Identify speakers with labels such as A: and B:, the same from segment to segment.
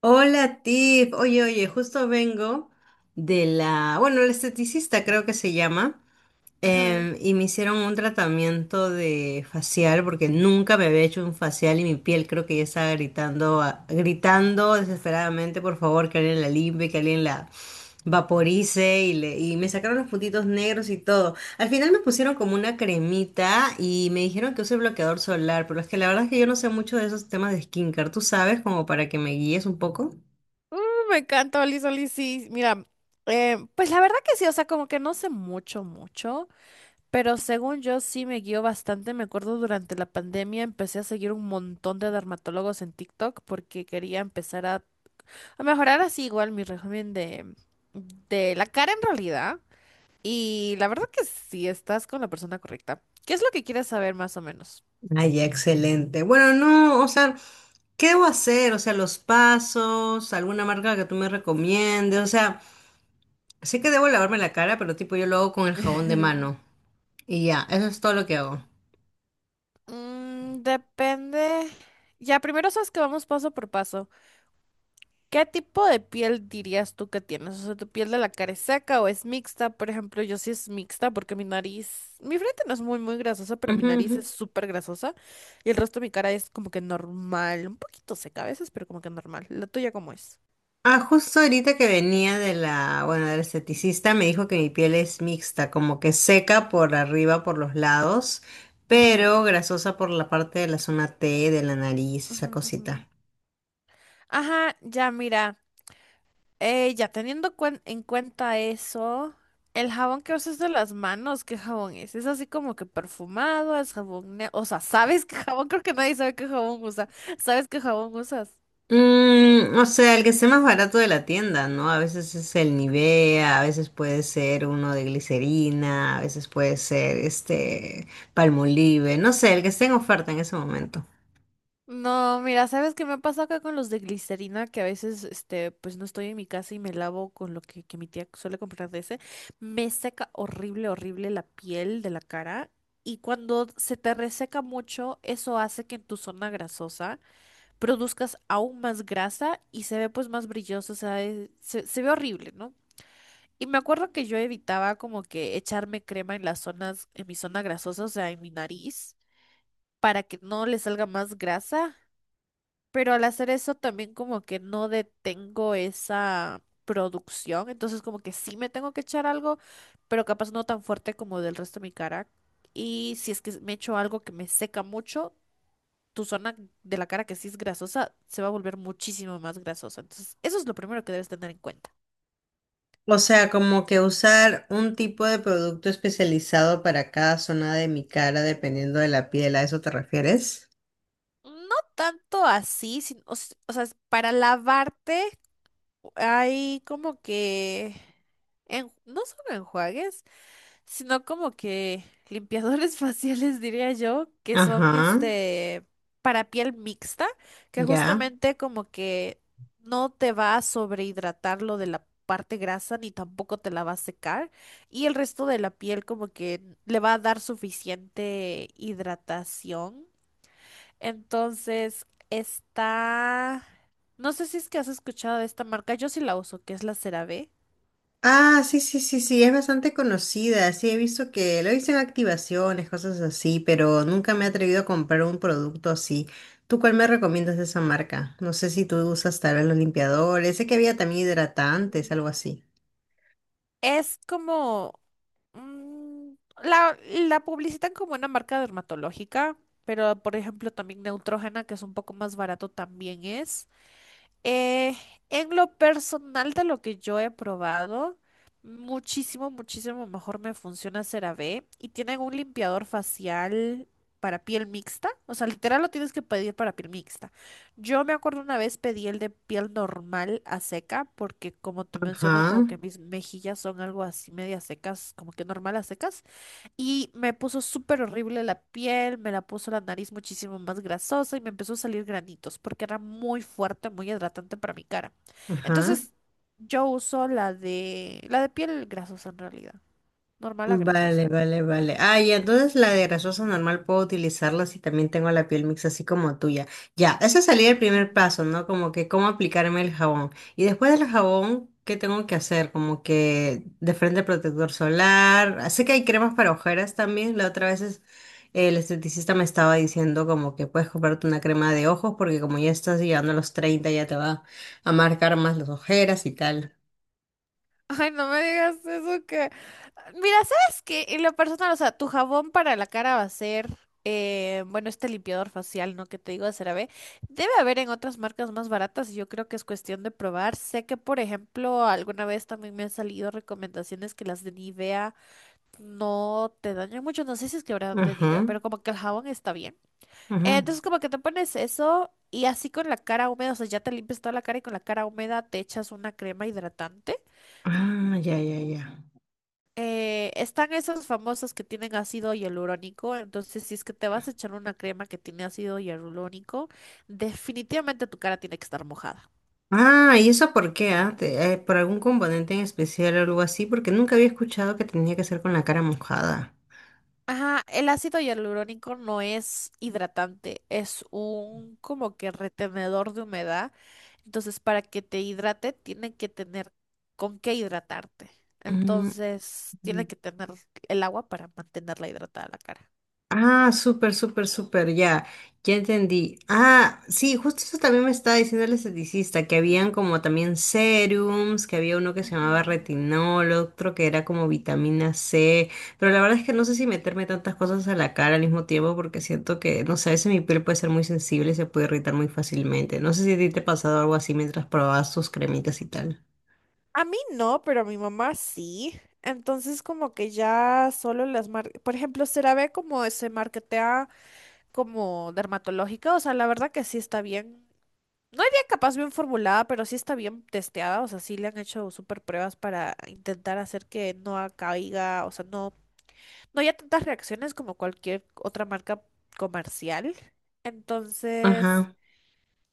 A: Hola Tiff, oye, oye, justo vengo de la, bueno, el esteticista creo que se llama,
B: Ajá.
A: y me hicieron un tratamiento de facial porque nunca me había hecho un facial y mi piel creo que ya estaba gritando, gritando desesperadamente, por favor, que alguien la limpie, que alguien la vaporice y me sacaron los puntitos negros y todo. Al final me pusieron como una cremita y me dijeron que use bloqueador solar, pero es que la verdad es que yo no sé mucho de esos temas de skincare, ¿tú sabes? Como para que me guíes un poco.
B: Uh, me encanta Oli Oli, sí. Mira, pues la verdad que sí, o sea, como que no sé mucho, pero según yo sí me guío bastante. Me acuerdo durante la pandemia empecé a seguir un montón de dermatólogos en TikTok porque quería empezar a mejorar así igual mi régimen de la cara en realidad. Y la verdad que sí, estás con la persona correcta. ¿Qué es lo que quieres saber más o menos?
A: Ay, excelente. Bueno, no, o sea, ¿qué debo hacer? O sea, los pasos, alguna marca que tú me recomiendes. O sea, sé que debo lavarme la cara, pero tipo yo lo hago con el jabón de mano. Y ya, eso es todo lo que hago.
B: Mm, depende. Ya, primero sabes que vamos paso por paso. ¿Qué tipo de piel dirías tú que tienes? O sea, ¿tu piel de la cara es seca o es mixta? Por ejemplo, yo sí es mixta porque mi nariz, mi frente no es muy grasosa, pero mi
A: Ujú,
B: nariz
A: ujú.
B: es súper grasosa y el resto de mi cara es como que normal, un poquito seca a veces, pero como que normal. ¿La tuya cómo es?
A: Ah, justo ahorita que venía de la, bueno, del esteticista me dijo que mi piel es mixta, como que seca por arriba, por los lados,
B: Ujú,
A: pero grasosa por la parte de la zona T, de la nariz,
B: ujú,
A: esa
B: ujú.
A: cosita.
B: Ajá, ya mira. Ya teniendo en cuenta eso, el jabón que usas de las manos, ¿qué jabón es? Es así como que perfumado, es jabón, o sea, ¿sabes qué jabón? Creo que nadie sabe qué jabón usa. ¿Sabes qué jabón usas?
A: Mm, o sea, el que esté más barato de la tienda, ¿no? A veces es el Nivea, a veces puede ser uno de glicerina, a veces puede ser este Palmolive, no sé, el que esté en oferta en ese momento.
B: No, mira, ¿sabes qué me ha pasado acá con los de glicerina? Que a veces, este, pues no estoy en mi casa y me lavo con lo que mi tía suele comprar de ese. Me seca horrible la piel de la cara. Y cuando se te reseca mucho, eso hace que en tu zona grasosa produzcas aún más grasa y se ve pues más brilloso, o sea, se ve horrible, ¿no? Y me acuerdo que yo evitaba como que echarme crema en las zonas, en mi zona grasosa, o sea, en mi nariz, para que no le salga más grasa, pero al hacer eso también como que no detengo esa producción, entonces como que sí me tengo que echar algo, pero capaz no tan fuerte como del resto de mi cara. Y si es que me echo algo que me seca mucho, tu zona de la cara que sí es grasosa se va a volver muchísimo más grasosa. Entonces, eso es lo primero que debes tener en cuenta.
A: O sea, como que usar un tipo de producto especializado para cada zona de mi cara dependiendo de la piel, ¿a eso te refieres?
B: No tanto así, o sea, es para lavarte hay como que, no son enjuagues, sino como que limpiadores faciales, diría yo, que son
A: Ajá,
B: este para piel mixta, que
A: ya.
B: justamente como que no te va a sobrehidratar lo de la parte grasa ni tampoco te la va a secar y el resto de la piel como que le va a dar suficiente hidratación. Entonces, está... No sé si es que has escuchado de esta marca, yo sí la uso, que es la CeraVe.
A: Ah, sí, sí, sí, sí, es bastante conocida. Sí, he visto que lo dicen activaciones, cosas así, pero nunca me he atrevido a comprar un producto así. ¿Tú cuál me recomiendas de esa marca? No sé si tú usas tal vez los limpiadores. Sé que había también hidratantes, algo así.
B: Es como... mm, la, la publicitan como una marca dermatológica, pero por ejemplo también Neutrogena, que es un poco más barato, también es. Eh, en lo personal de lo que yo he probado, muchísimo mejor me funciona CeraVe y tienen un limpiador facial para piel mixta, o sea, literal lo tienes que pedir para piel mixta. Yo me acuerdo una vez pedí el de piel normal a seca porque como te
A: Ajá,
B: menciono como que mis mejillas son algo así media secas, como que normal a secas. Y me puso súper horrible la piel, me la puso la nariz muchísimo más grasosa y me empezó a salir granitos porque era muy fuerte, muy hidratante para mi cara.
A: ajá.
B: Entonces yo uso la de piel grasosa en realidad, normal a grasosa.
A: Vale, vale, vale. Ah, y entonces la de grasosa normal puedo utilizarla si también tengo la piel mixta así como tuya. Ya, ese sería el primer paso, ¿no? Como que cómo aplicarme el jabón. Y después del jabón, ¿qué tengo que hacer? Como que de frente protector solar. Ah, sé que hay cremas para ojeras también. La otra vez es- El esteticista me estaba diciendo como que puedes comprarte una crema de ojos porque como ya estás llegando a los 30 ya te va a marcar más las ojeras y tal.
B: Ay, no me digas eso que... Mira, ¿sabes qué? En lo personal, o sea, tu jabón para la cara va a ser, bueno, este limpiador facial, ¿no? Que te digo de CeraVe. Debe haber en otras marcas más baratas y yo creo que es cuestión de probar. Sé que, por ejemplo, alguna vez también me han salido recomendaciones que las de Nivea no te dañan mucho. No sé si es que habrán de
A: Ajá,
B: Nivea, pero como que el jabón está bien.
A: ajá.
B: Entonces, como que te pones eso y así con la cara húmeda, o sea, ya te limpias toda la cara y con la cara húmeda te echas una crema hidratante.
A: Ah, ya, ya, ya.
B: Están esos famosos que tienen ácido hialurónico, entonces si es que te vas a echar una crema que tiene ácido hialurónico, definitivamente tu cara tiene que estar mojada.
A: Ah, ¿y eso por qué? Ah? ¿Por algún componente en especial o algo así? Porque nunca había escuchado que tenía que ser con la cara mojada.
B: Ajá, el ácido hialurónico no es hidratante, es un como que retenedor de humedad, entonces para que te hidrate tiene que tener con qué hidratarte,
A: Mm,
B: entonces
A: mm.
B: tiene que tener el agua para mantenerla hidratada la cara.
A: Ah, súper, súper, súper, ya, ya entendí. Ah, sí, justo eso también me estaba diciendo el esteticista, que habían como también serums, que había uno que se llamaba
B: Ujú.
A: retinol, otro que era como vitamina C, pero la verdad es que no sé si meterme tantas cosas a la cara al mismo tiempo porque siento que, no sé, a veces mi piel puede ser muy sensible y se puede irritar muy fácilmente. No sé si a ti te ha pasado algo así mientras probabas tus cremitas y tal.
B: A mí no, pero a mi mamá sí. Entonces como que ya solo las marcas, por ejemplo, CeraVe como se marketea como dermatológica, o sea, la verdad que sí está bien. No diría capaz bien formulada, pero sí está bien testeada, o sea, sí le han hecho súper pruebas para intentar hacer que no caiga, o sea, no haya tantas reacciones como cualquier otra marca comercial. Entonces,
A: Ajá,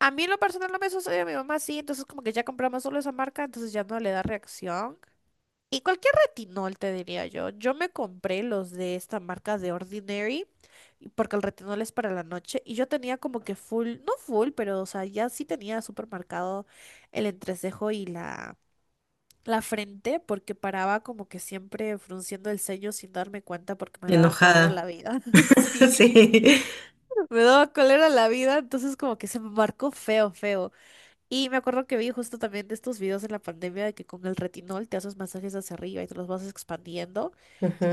B: a mí en lo personal no me sucedió, a mi mamá sí, entonces como que ya compramos solo esa marca, entonces ya no le da reacción. Y cualquier retinol, te diría yo. Yo me compré los de esta marca de Ordinary, porque el retinol es para la noche, y yo tenía como que full, no full, pero o sea, ya sí tenía súper marcado el entrecejo y la frente, porque paraba como que siempre frunciendo el ceño sin darme cuenta porque me daba cólera
A: enojada.
B: la vida. Sí,
A: Sí.
B: me daba cólera la vida, entonces como que se me marcó feo. Y me acuerdo que vi justo también de estos videos en la pandemia de que con el retinol te haces masajes hacia arriba y te los vas expandiendo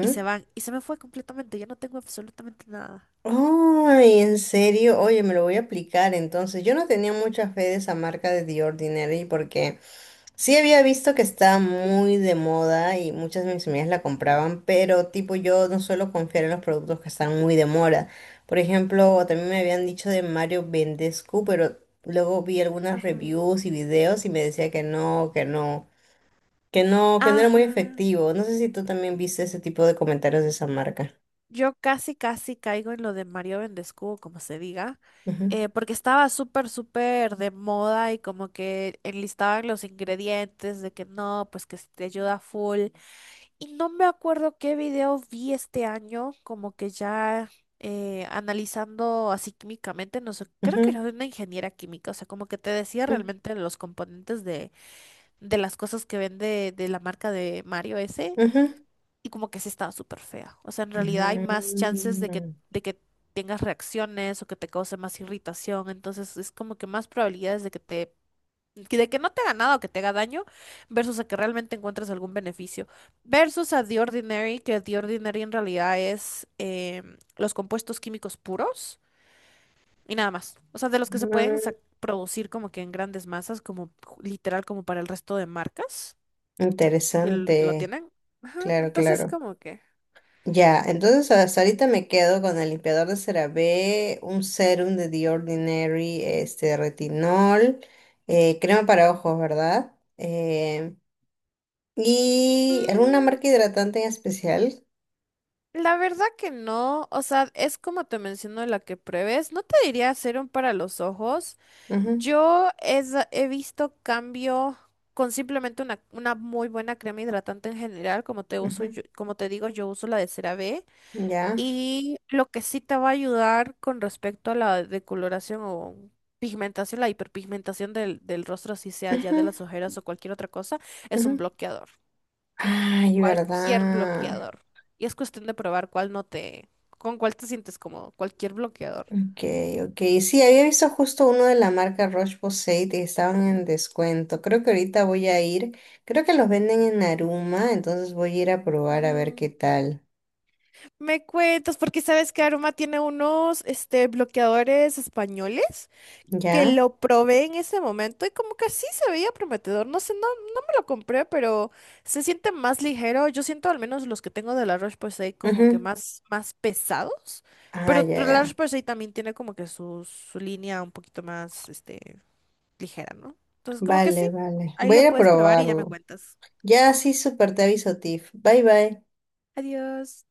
B: y se van. Y se me fue completamente. Ya no tengo absolutamente nada.
A: Ay, en serio, oye, me lo voy a aplicar entonces. Yo no tenía mucha fe de esa marca de The Ordinary porque sí había visto que está muy de moda y muchas de mis amigas la compraban, pero tipo yo no suelo confiar en los productos que están muy de moda. Por ejemplo, también me habían dicho de Mario Vendescu, pero luego vi algunas
B: Ujú.
A: reviews y videos y me decía que no, que no, que no, que no era muy
B: Ajá.
A: efectivo. No sé si tú también viste ese tipo de comentarios de esa marca.
B: Yo casi caigo en lo de Mario Vendescubo, como se diga, porque estaba súper de moda y como que enlistaban los ingredientes de que no, pues que si te ayuda full. Y no me acuerdo qué video vi este año, como que ya analizando así químicamente, no sé, creo que
A: Ujú,
B: era de una ingeniera química, o sea, como que te decía
A: ujú,
B: realmente los componentes de las cosas que vende de la marca de Mario ese
A: ujú,
B: y como que sí estaba súper fea. O sea, en realidad hay más chances
A: ujú,
B: de que tengas reacciones o que te cause más irritación. Entonces es como que más probabilidades de que te, de que no te haga nada o que te haga daño versus a que realmente encuentres algún beneficio. Versus a The Ordinary, que The Ordinary en realidad es los compuestos químicos puros y nada más. O sea, de los que se pueden
A: ujú.
B: producir como que en grandes masas, como literal como para el resto de marcas que, que lo
A: Interesante.
B: tienen. Ajá,
A: Claro,
B: entonces
A: claro.
B: como que...
A: Ya, entonces hasta ahorita me quedo con el limpiador de CeraVe, un serum de The Ordinary, este retinol, crema para ojos, ¿verdad? Y alguna
B: mm,
A: marca hidratante en especial.
B: la verdad que no, o sea, es como te menciono la que pruebes. No te diría serum para los ojos.
A: Ujú,
B: Yo he visto cambio con simplemente una muy buena crema hidratante en general, como te
A: ujú,
B: como te digo, yo uso la de CeraVe.
A: ya.
B: Y lo que sí te va a ayudar con respecto a la decoloración o pigmentación, la hiperpigmentación del rostro, si sea ya de
A: Ujú,
B: las ojeras o cualquier otra cosa, es un
A: ujú.
B: bloqueador.
A: Ay,
B: Cualquier
A: ¿verdad?
B: bloqueador. Y es cuestión de probar cuál no te, con cuál te sientes cómodo, cualquier bloqueador.
A: Ok, ok. Sí, había visto justo uno de la marca Roche-Posay y estaban en descuento. Creo que ahorita voy a ir. Creo que los venden en Naruma, entonces voy a ir a probar a ver
B: Ujú.
A: qué tal.
B: Me cuentas, porque sabes que Aroma tiene unos este, bloqueadores españoles que
A: ¿Ya?
B: lo probé en ese momento y como que sí se veía prometedor. No sé, no me lo compré, pero se siente más ligero. Yo siento al menos los que tengo de la Roche-Posay como que
A: Ujú.
B: más pesados.
A: Ah,
B: Pero
A: ya,
B: la
A: ya.
B: Roche-Posay también tiene como que su línea un poquito más, este, ligera, ¿no? Entonces, como que
A: Vale,
B: sí,
A: vale.
B: ahí
A: Voy a
B: le
A: ir a
B: puedes probar y ya me
A: probarlo.
B: cuentas.
A: Ya, sí, súper, te aviso, Tiff. Bye, bye.
B: Adiós.